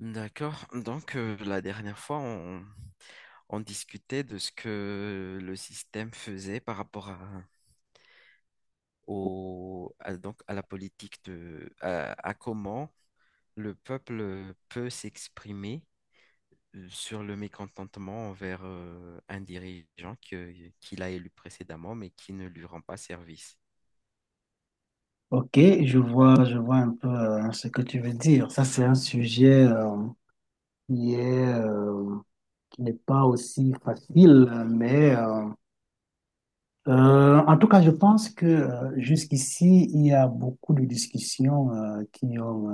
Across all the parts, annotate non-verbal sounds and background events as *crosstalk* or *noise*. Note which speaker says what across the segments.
Speaker 1: D'accord. Donc, la dernière fois, on discutait de ce que le système faisait par rapport donc, à la politique de, à comment le peuple peut s'exprimer sur le mécontentement envers un dirigeant qu'il a élu précédemment, mais qui ne lui rend pas service.
Speaker 2: Ok, je vois un peu ce que tu veux dire. Ça, c'est un sujet qui est, euh, qui n'est pas aussi facile, mais en tout cas, je pense que jusqu'ici, il y a beaucoup de discussions qui ont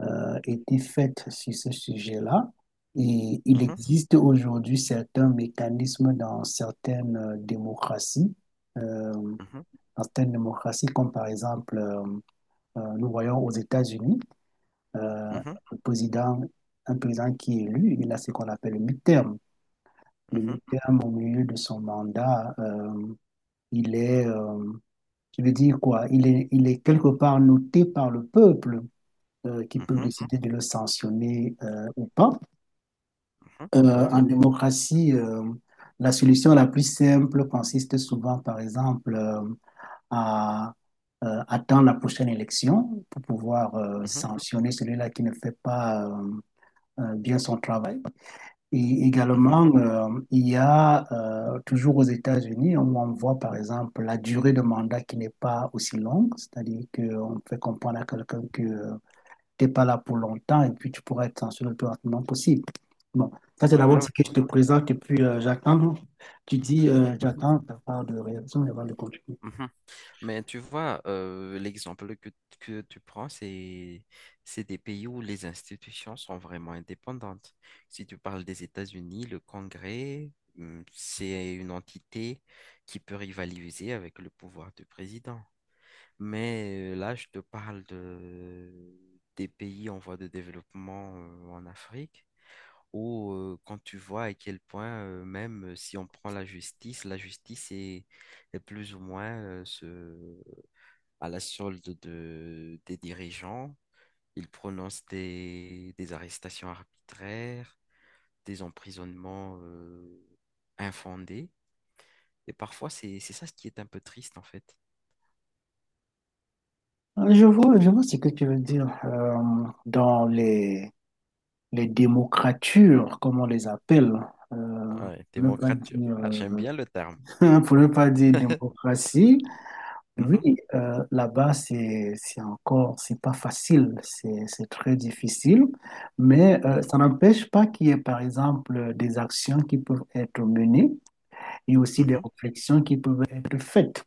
Speaker 2: été faites sur ce sujet-là. Et il
Speaker 1: Mhm,
Speaker 2: existe aujourd'hui certains mécanismes dans certaines démocraties, euh, dans
Speaker 1: mhm,
Speaker 2: certaines démocraties, comme par exemple, nous voyons aux États-Unis. euh,
Speaker 1: mhm,
Speaker 2: un président, un président qui est élu, il a ce qu'on appelle le mi-terme. Le
Speaker 1: mhm,
Speaker 2: mi-terme, au milieu de son mandat, il est, je veux dire quoi, il est quelque part noté par le peuple qui peut
Speaker 1: mhm,
Speaker 2: décider de le sanctionner ou pas.
Speaker 1: mhm. Oui, oui.
Speaker 2: En démocratie, la solution la plus simple consiste souvent, par exemple, à attendre la prochaine élection pour pouvoir
Speaker 1: Mhm,
Speaker 2: sanctionner celui-là qui ne fait pas bien son travail. Et
Speaker 1: mhm.
Speaker 2: également, il y a toujours aux États-Unis, où on voit par exemple la durée de mandat qui n'est pas aussi longue, c'est-à-dire qu'on fait comprendre à quelqu'un que tu n'es pas là pour longtemps et puis tu pourras être censuré le plus rapidement possible. Bon, ça c'est
Speaker 1: Oui, oui,
Speaker 2: d'abord ce que je
Speaker 1: oui.
Speaker 2: te présente et puis j'attends. Tu dis,
Speaker 1: Mhm,
Speaker 2: j'attends ta part de réaction avant de continuer.
Speaker 1: mhm. Mais tu vois, l'exemple que tu prends, c'est des pays où les institutions sont vraiment indépendantes. Si tu parles des États-Unis, le Congrès, c'est une entité qui peut rivaliser avec le pouvoir du président. Mais là, je te parle des pays en voie de développement en Afrique, où quand tu vois à quel point, même si on prend la justice est plus ou moins ce à la solde des dirigeants. Ils prononcent des arrestations arbitraires, des emprisonnements infondés. Et parfois, c'est ça ce qui est un peu triste, en fait.
Speaker 2: Je vois ce que tu veux dire. Dans les démocratures, comme on les appelle, euh,
Speaker 1: Ah ouais,
Speaker 2: ne pas
Speaker 1: démocrature.
Speaker 2: dire.
Speaker 1: Ah, j'aime bien le terme.
Speaker 2: *laughs* Pour ne pas dire
Speaker 1: *laughs*
Speaker 2: démocratie, oui,
Speaker 1: Mhm,
Speaker 2: là-bas, c'est encore, c'est pas facile, c'est très difficile, mais
Speaker 1: mhm,
Speaker 2: ça n'empêche pas qu'il y ait, par exemple, des actions qui peuvent être menées et aussi des
Speaker 1: mhm,
Speaker 2: réflexions qui peuvent être faites.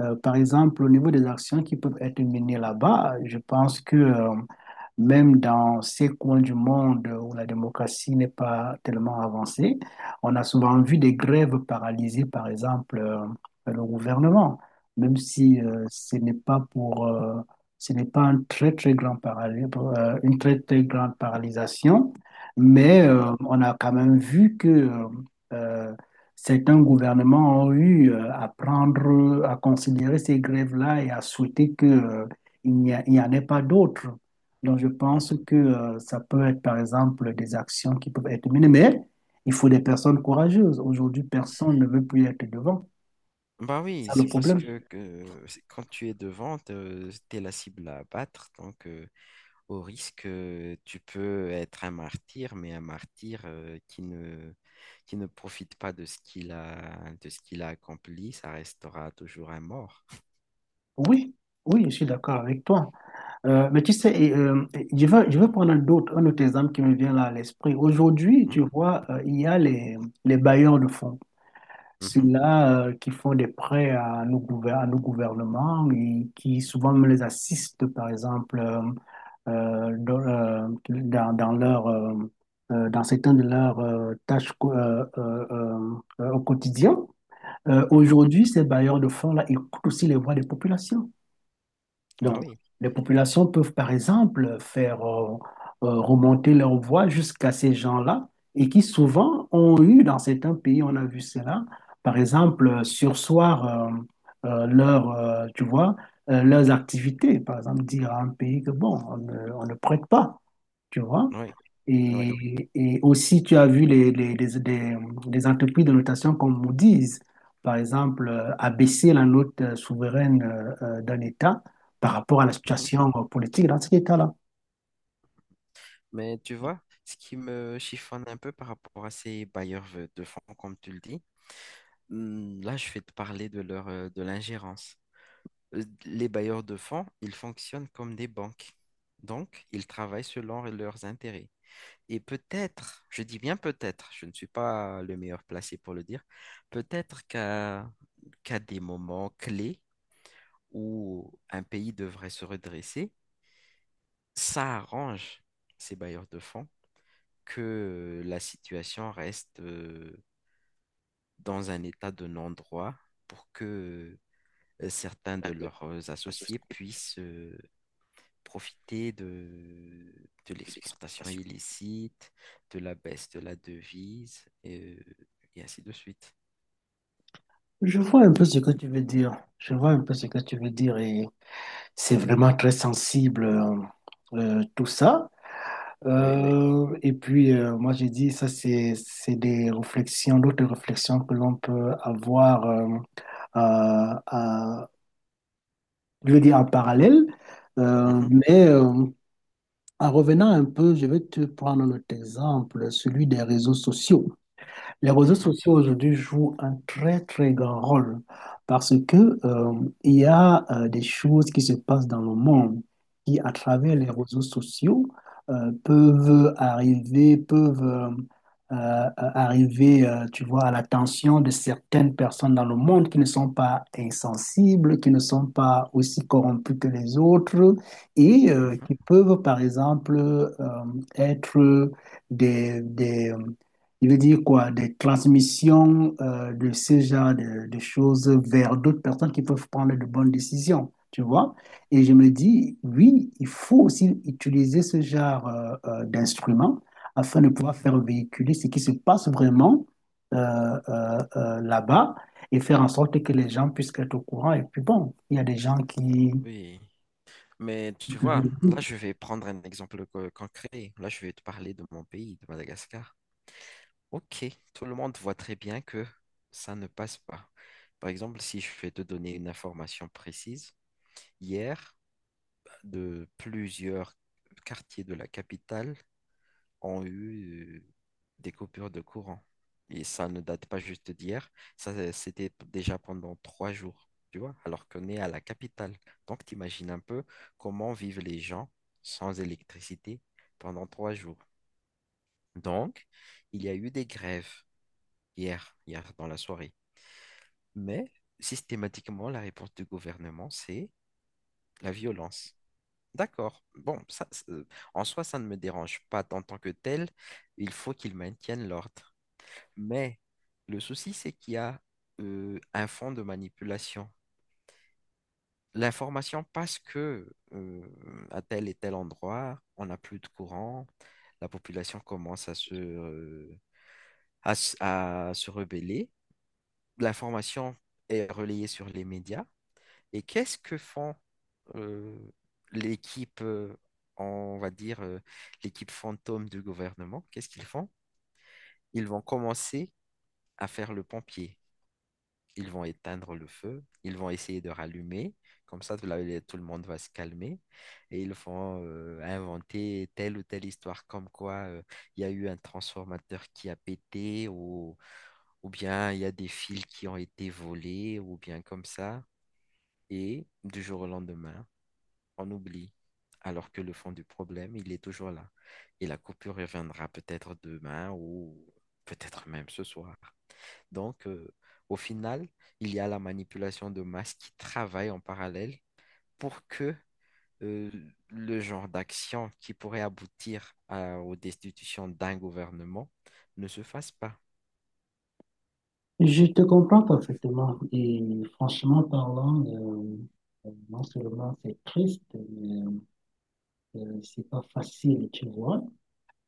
Speaker 2: Par exemple, au niveau des actions qui peuvent être menées là-bas, je pense que, même dans ces coins du monde où la démocratie n'est pas tellement avancée, on a souvent vu des grèves paralyser, par exemple, le gouvernement, même si
Speaker 1: mhm,
Speaker 2: ce n'est pas pour, ce n'est pas un très, très grand une très, très grande paralysation, mais
Speaker 1: mhm,
Speaker 2: on a quand même vu que euh, certains gouvernements ont eu à prendre, à considérer ces grèves-là et à souhaiter que, il n'y en ait pas d'autres. Donc, je pense
Speaker 1: mhm.
Speaker 2: que ça peut être, par exemple, des actions qui peuvent être menées, mais il faut des personnes courageuses. Aujourd'hui, personne ne veut plus être devant.
Speaker 1: Bah oui,
Speaker 2: C'est ça le
Speaker 1: c'est parce
Speaker 2: problème.
Speaker 1: que quand tu es devant, tu es la cible à abattre. Donc, au risque, tu peux être un martyr, mais un martyr qui ne profite pas de ce qu'il a, de ce qu'il a accompli, ça restera toujours un mort.
Speaker 2: Oui, oui, je suis d'accord avec toi. Mais tu sais, et je veux prendre un autre exemple qui me vient là à l'esprit. Aujourd'hui,
Speaker 1: Hmm?
Speaker 2: tu vois, il y a les bailleurs de fonds.
Speaker 1: Mhm,
Speaker 2: Ceux-là qui font des prêts à à nos gouvernements et qui souvent me les assistent, par exemple, dans, dans leur, dans certaines de leurs au quotidien.
Speaker 1: mhm.
Speaker 2: Aujourd'hui, ces bailleurs de fonds-là écoutent aussi les voix des populations. Donc,
Speaker 1: Bah oui,
Speaker 2: les populations peuvent, par exemple, faire remonter leur voix jusqu'à ces gens-là et qui souvent ont eu, dans certains pays, on a vu cela, par exemple, sursoir leur, tu vois, leurs activités. Par exemple, dire à un pays que, bon, on ne prête pas, tu vois.
Speaker 1: oui, oui.
Speaker 2: Et aussi, tu as vu les entreprises de notation comme Moody's, par exemple, abaisser la note souveraine d'un État par rapport à la
Speaker 1: Mhm.
Speaker 2: situation politique dans cet État-là.
Speaker 1: Mais tu vois, ce qui me chiffonne un peu par rapport à ces bailleurs de fonds, comme tu le dis, là, je vais te parler de l'ingérence. Les bailleurs de fonds, ils fonctionnent comme des banques. Donc, ils travaillent selon leurs intérêts. Et peut-être, je dis bien peut-être, je ne suis pas le meilleur placé pour le dire, peut-être qu'à des moments clés où un pays devrait se redresser, ça arrange ces bailleurs de fonds que la situation reste dans un état de non-droit pour que certains de leurs associés puissent profiter de l'exportation illicite, de la baisse de la devise, et ainsi de suite.
Speaker 2: Je vois un peu ce que tu veux dire. Je vois un peu ce que tu veux dire et c'est vraiment très sensible tout ça.
Speaker 1: Oui.
Speaker 2: Et puis moi j'ai dit ça c'est des réflexions, d'autres réflexions que l'on peut avoir euh, à je veux dire en parallèle,
Speaker 1: Mhm,
Speaker 2: mais en revenant un peu, je vais te prendre notre exemple, celui des réseaux sociaux. Les réseaux
Speaker 1: mhm,
Speaker 2: sociaux aujourd'hui jouent un très très grand rôle parce que il y a des choses qui se passent dans le monde qui, à travers les
Speaker 1: mhm,
Speaker 2: réseaux sociaux, peuvent arriver, tu vois, à l'attention de certaines personnes dans le monde qui ne sont pas insensibles, qui ne sont pas aussi corrompues que les autres et
Speaker 1: mhm.
Speaker 2: qui peuvent, par exemple, être des il veut dire quoi? Des transmissions de ce de choses vers d'autres personnes qui peuvent prendre de bonnes décisions, tu vois? Et je me dis, oui, il faut aussi utiliser ce genre d'instruments afin de pouvoir faire véhiculer ce qui se passe vraiment là-bas et faire en sorte que les gens puissent être au courant. Et puis bon, il y a des gens qui...
Speaker 1: Oui. Mais tu vois, là, je vais prendre un exemple concret. Là, je vais te parler de mon pays, de Madagascar. Ok, tout le monde voit très bien que ça ne passe pas. Par exemple, si je vais te donner une information précise, hier, de plusieurs quartiers de la capitale, ont eu des coupures de courant. Et ça ne date pas juste d'hier, ça c'était déjà pendant 3 jours, tu vois, alors qu'on est à la capitale. Donc t'imagines un peu comment vivent les gens sans électricité pendant 3 jours. Donc, il y a eu des grèves hier dans la soirée. Mais systématiquement, la réponse du gouvernement, c'est la violence. D'accord. Bon, ça, en soi, ça ne me dérange pas en tant que tel. Il faut qu'ils maintiennent l'ordre. Mais le souci, c'est qu'il y a un fond de manipulation. L'information passe que euh, à tel et tel endroit, on n'a plus de courant, la population commence à se rebeller. L'information est relayée sur les médias. Et qu'est-ce que font euh, l'équipe, euh, on va dire, l'équipe fantôme du gouvernement? Qu'est-ce qu'ils font? Ils vont commencer à faire le pompier. Ils vont éteindre le feu, ils vont essayer de rallumer, comme ça tout le monde va se calmer, et ils vont inventer telle ou telle histoire comme quoi il y a eu un transformateur qui a pété, ou bien il y a des fils qui ont été volés, ou bien comme ça, et du jour au lendemain, on oublie, alors que le fond du problème, il est toujours là, et la coupure reviendra peut-être demain ou peut-être même ce soir. Donc, au final, il y a la manipulation de masse qui travaille en parallèle pour que euh, le genre d'action qui pourrait aboutir aux destitutions d'un gouvernement ne se fasse pas.
Speaker 2: Je te comprends parfaitement et franchement parlant, non seulement c'est triste, mais c'est pas facile, tu vois.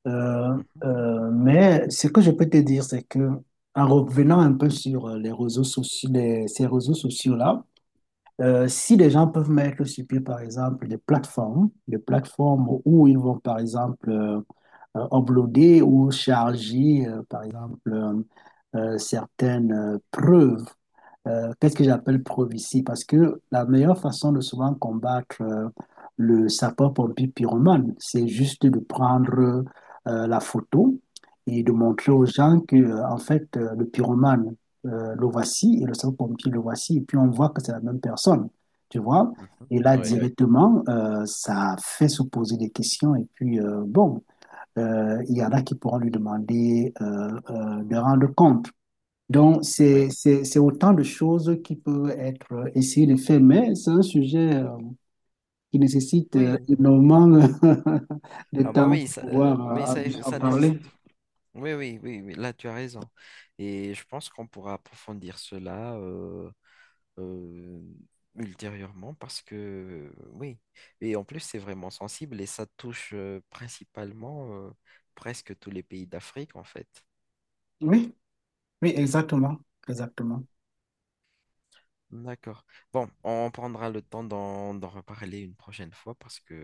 Speaker 2: Euh,
Speaker 1: Mhm,
Speaker 2: mais ce que je peux te dire, c'est que en revenant un peu sur les réseaux sociaux, ces réseaux sociaux-là, si les gens peuvent mettre sur pied, par exemple, des plateformes où ils vont, par exemple, uploader ou charger, par exemple, certaines preuves qu'est-ce que j'appelle prophétie? Parce que la meilleure façon de souvent combattre le sapeur-pompier pyromane, c'est juste de
Speaker 1: mhm,
Speaker 2: prendre la photo et de montrer aux
Speaker 1: mhm,
Speaker 2: gens que, en fait, le pyromane, le voici et le sapeur-pompier, le voici. Et puis on voit que c'est la même personne, tu vois?
Speaker 1: mhm.
Speaker 2: Et là, Ouais.
Speaker 1: Oui,
Speaker 2: Directement, ça fait se poser des questions. Et puis, bon, il y en a qui pourront lui demander de rendre compte. Donc,
Speaker 1: oui.
Speaker 2: c'est
Speaker 1: Mhm.
Speaker 2: autant de choses qui peuvent être essayées de faire, mais c'est un sujet qui nécessite
Speaker 1: Oui.
Speaker 2: énormément *laughs* de
Speaker 1: Ah
Speaker 2: temps
Speaker 1: bah oui, ça,
Speaker 2: pour
Speaker 1: oui,
Speaker 2: pouvoir
Speaker 1: ça,
Speaker 2: en
Speaker 1: ça
Speaker 2: parler.
Speaker 1: nécessite. Oui, oui, oui, oui, là tu as raison. Et je pense qu'on pourra approfondir cela. euh, ultérieurement parce que oui, et en plus c'est vraiment sensible et ça touche principalement presque tous les pays d'Afrique en fait.
Speaker 2: Oui, oui, exactement, exactement.
Speaker 1: D'accord. Bon, on prendra le temps d'en reparler une prochaine fois parce que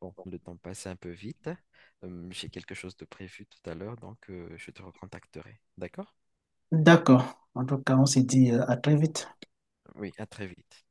Speaker 1: bon, le temps passe un peu vite. J'ai quelque chose de prévu tout à l'heure, donc je te recontacterai. D'accord?
Speaker 2: D'accord. En tout cas, on se dit à très vite.
Speaker 1: Oui, à très vite.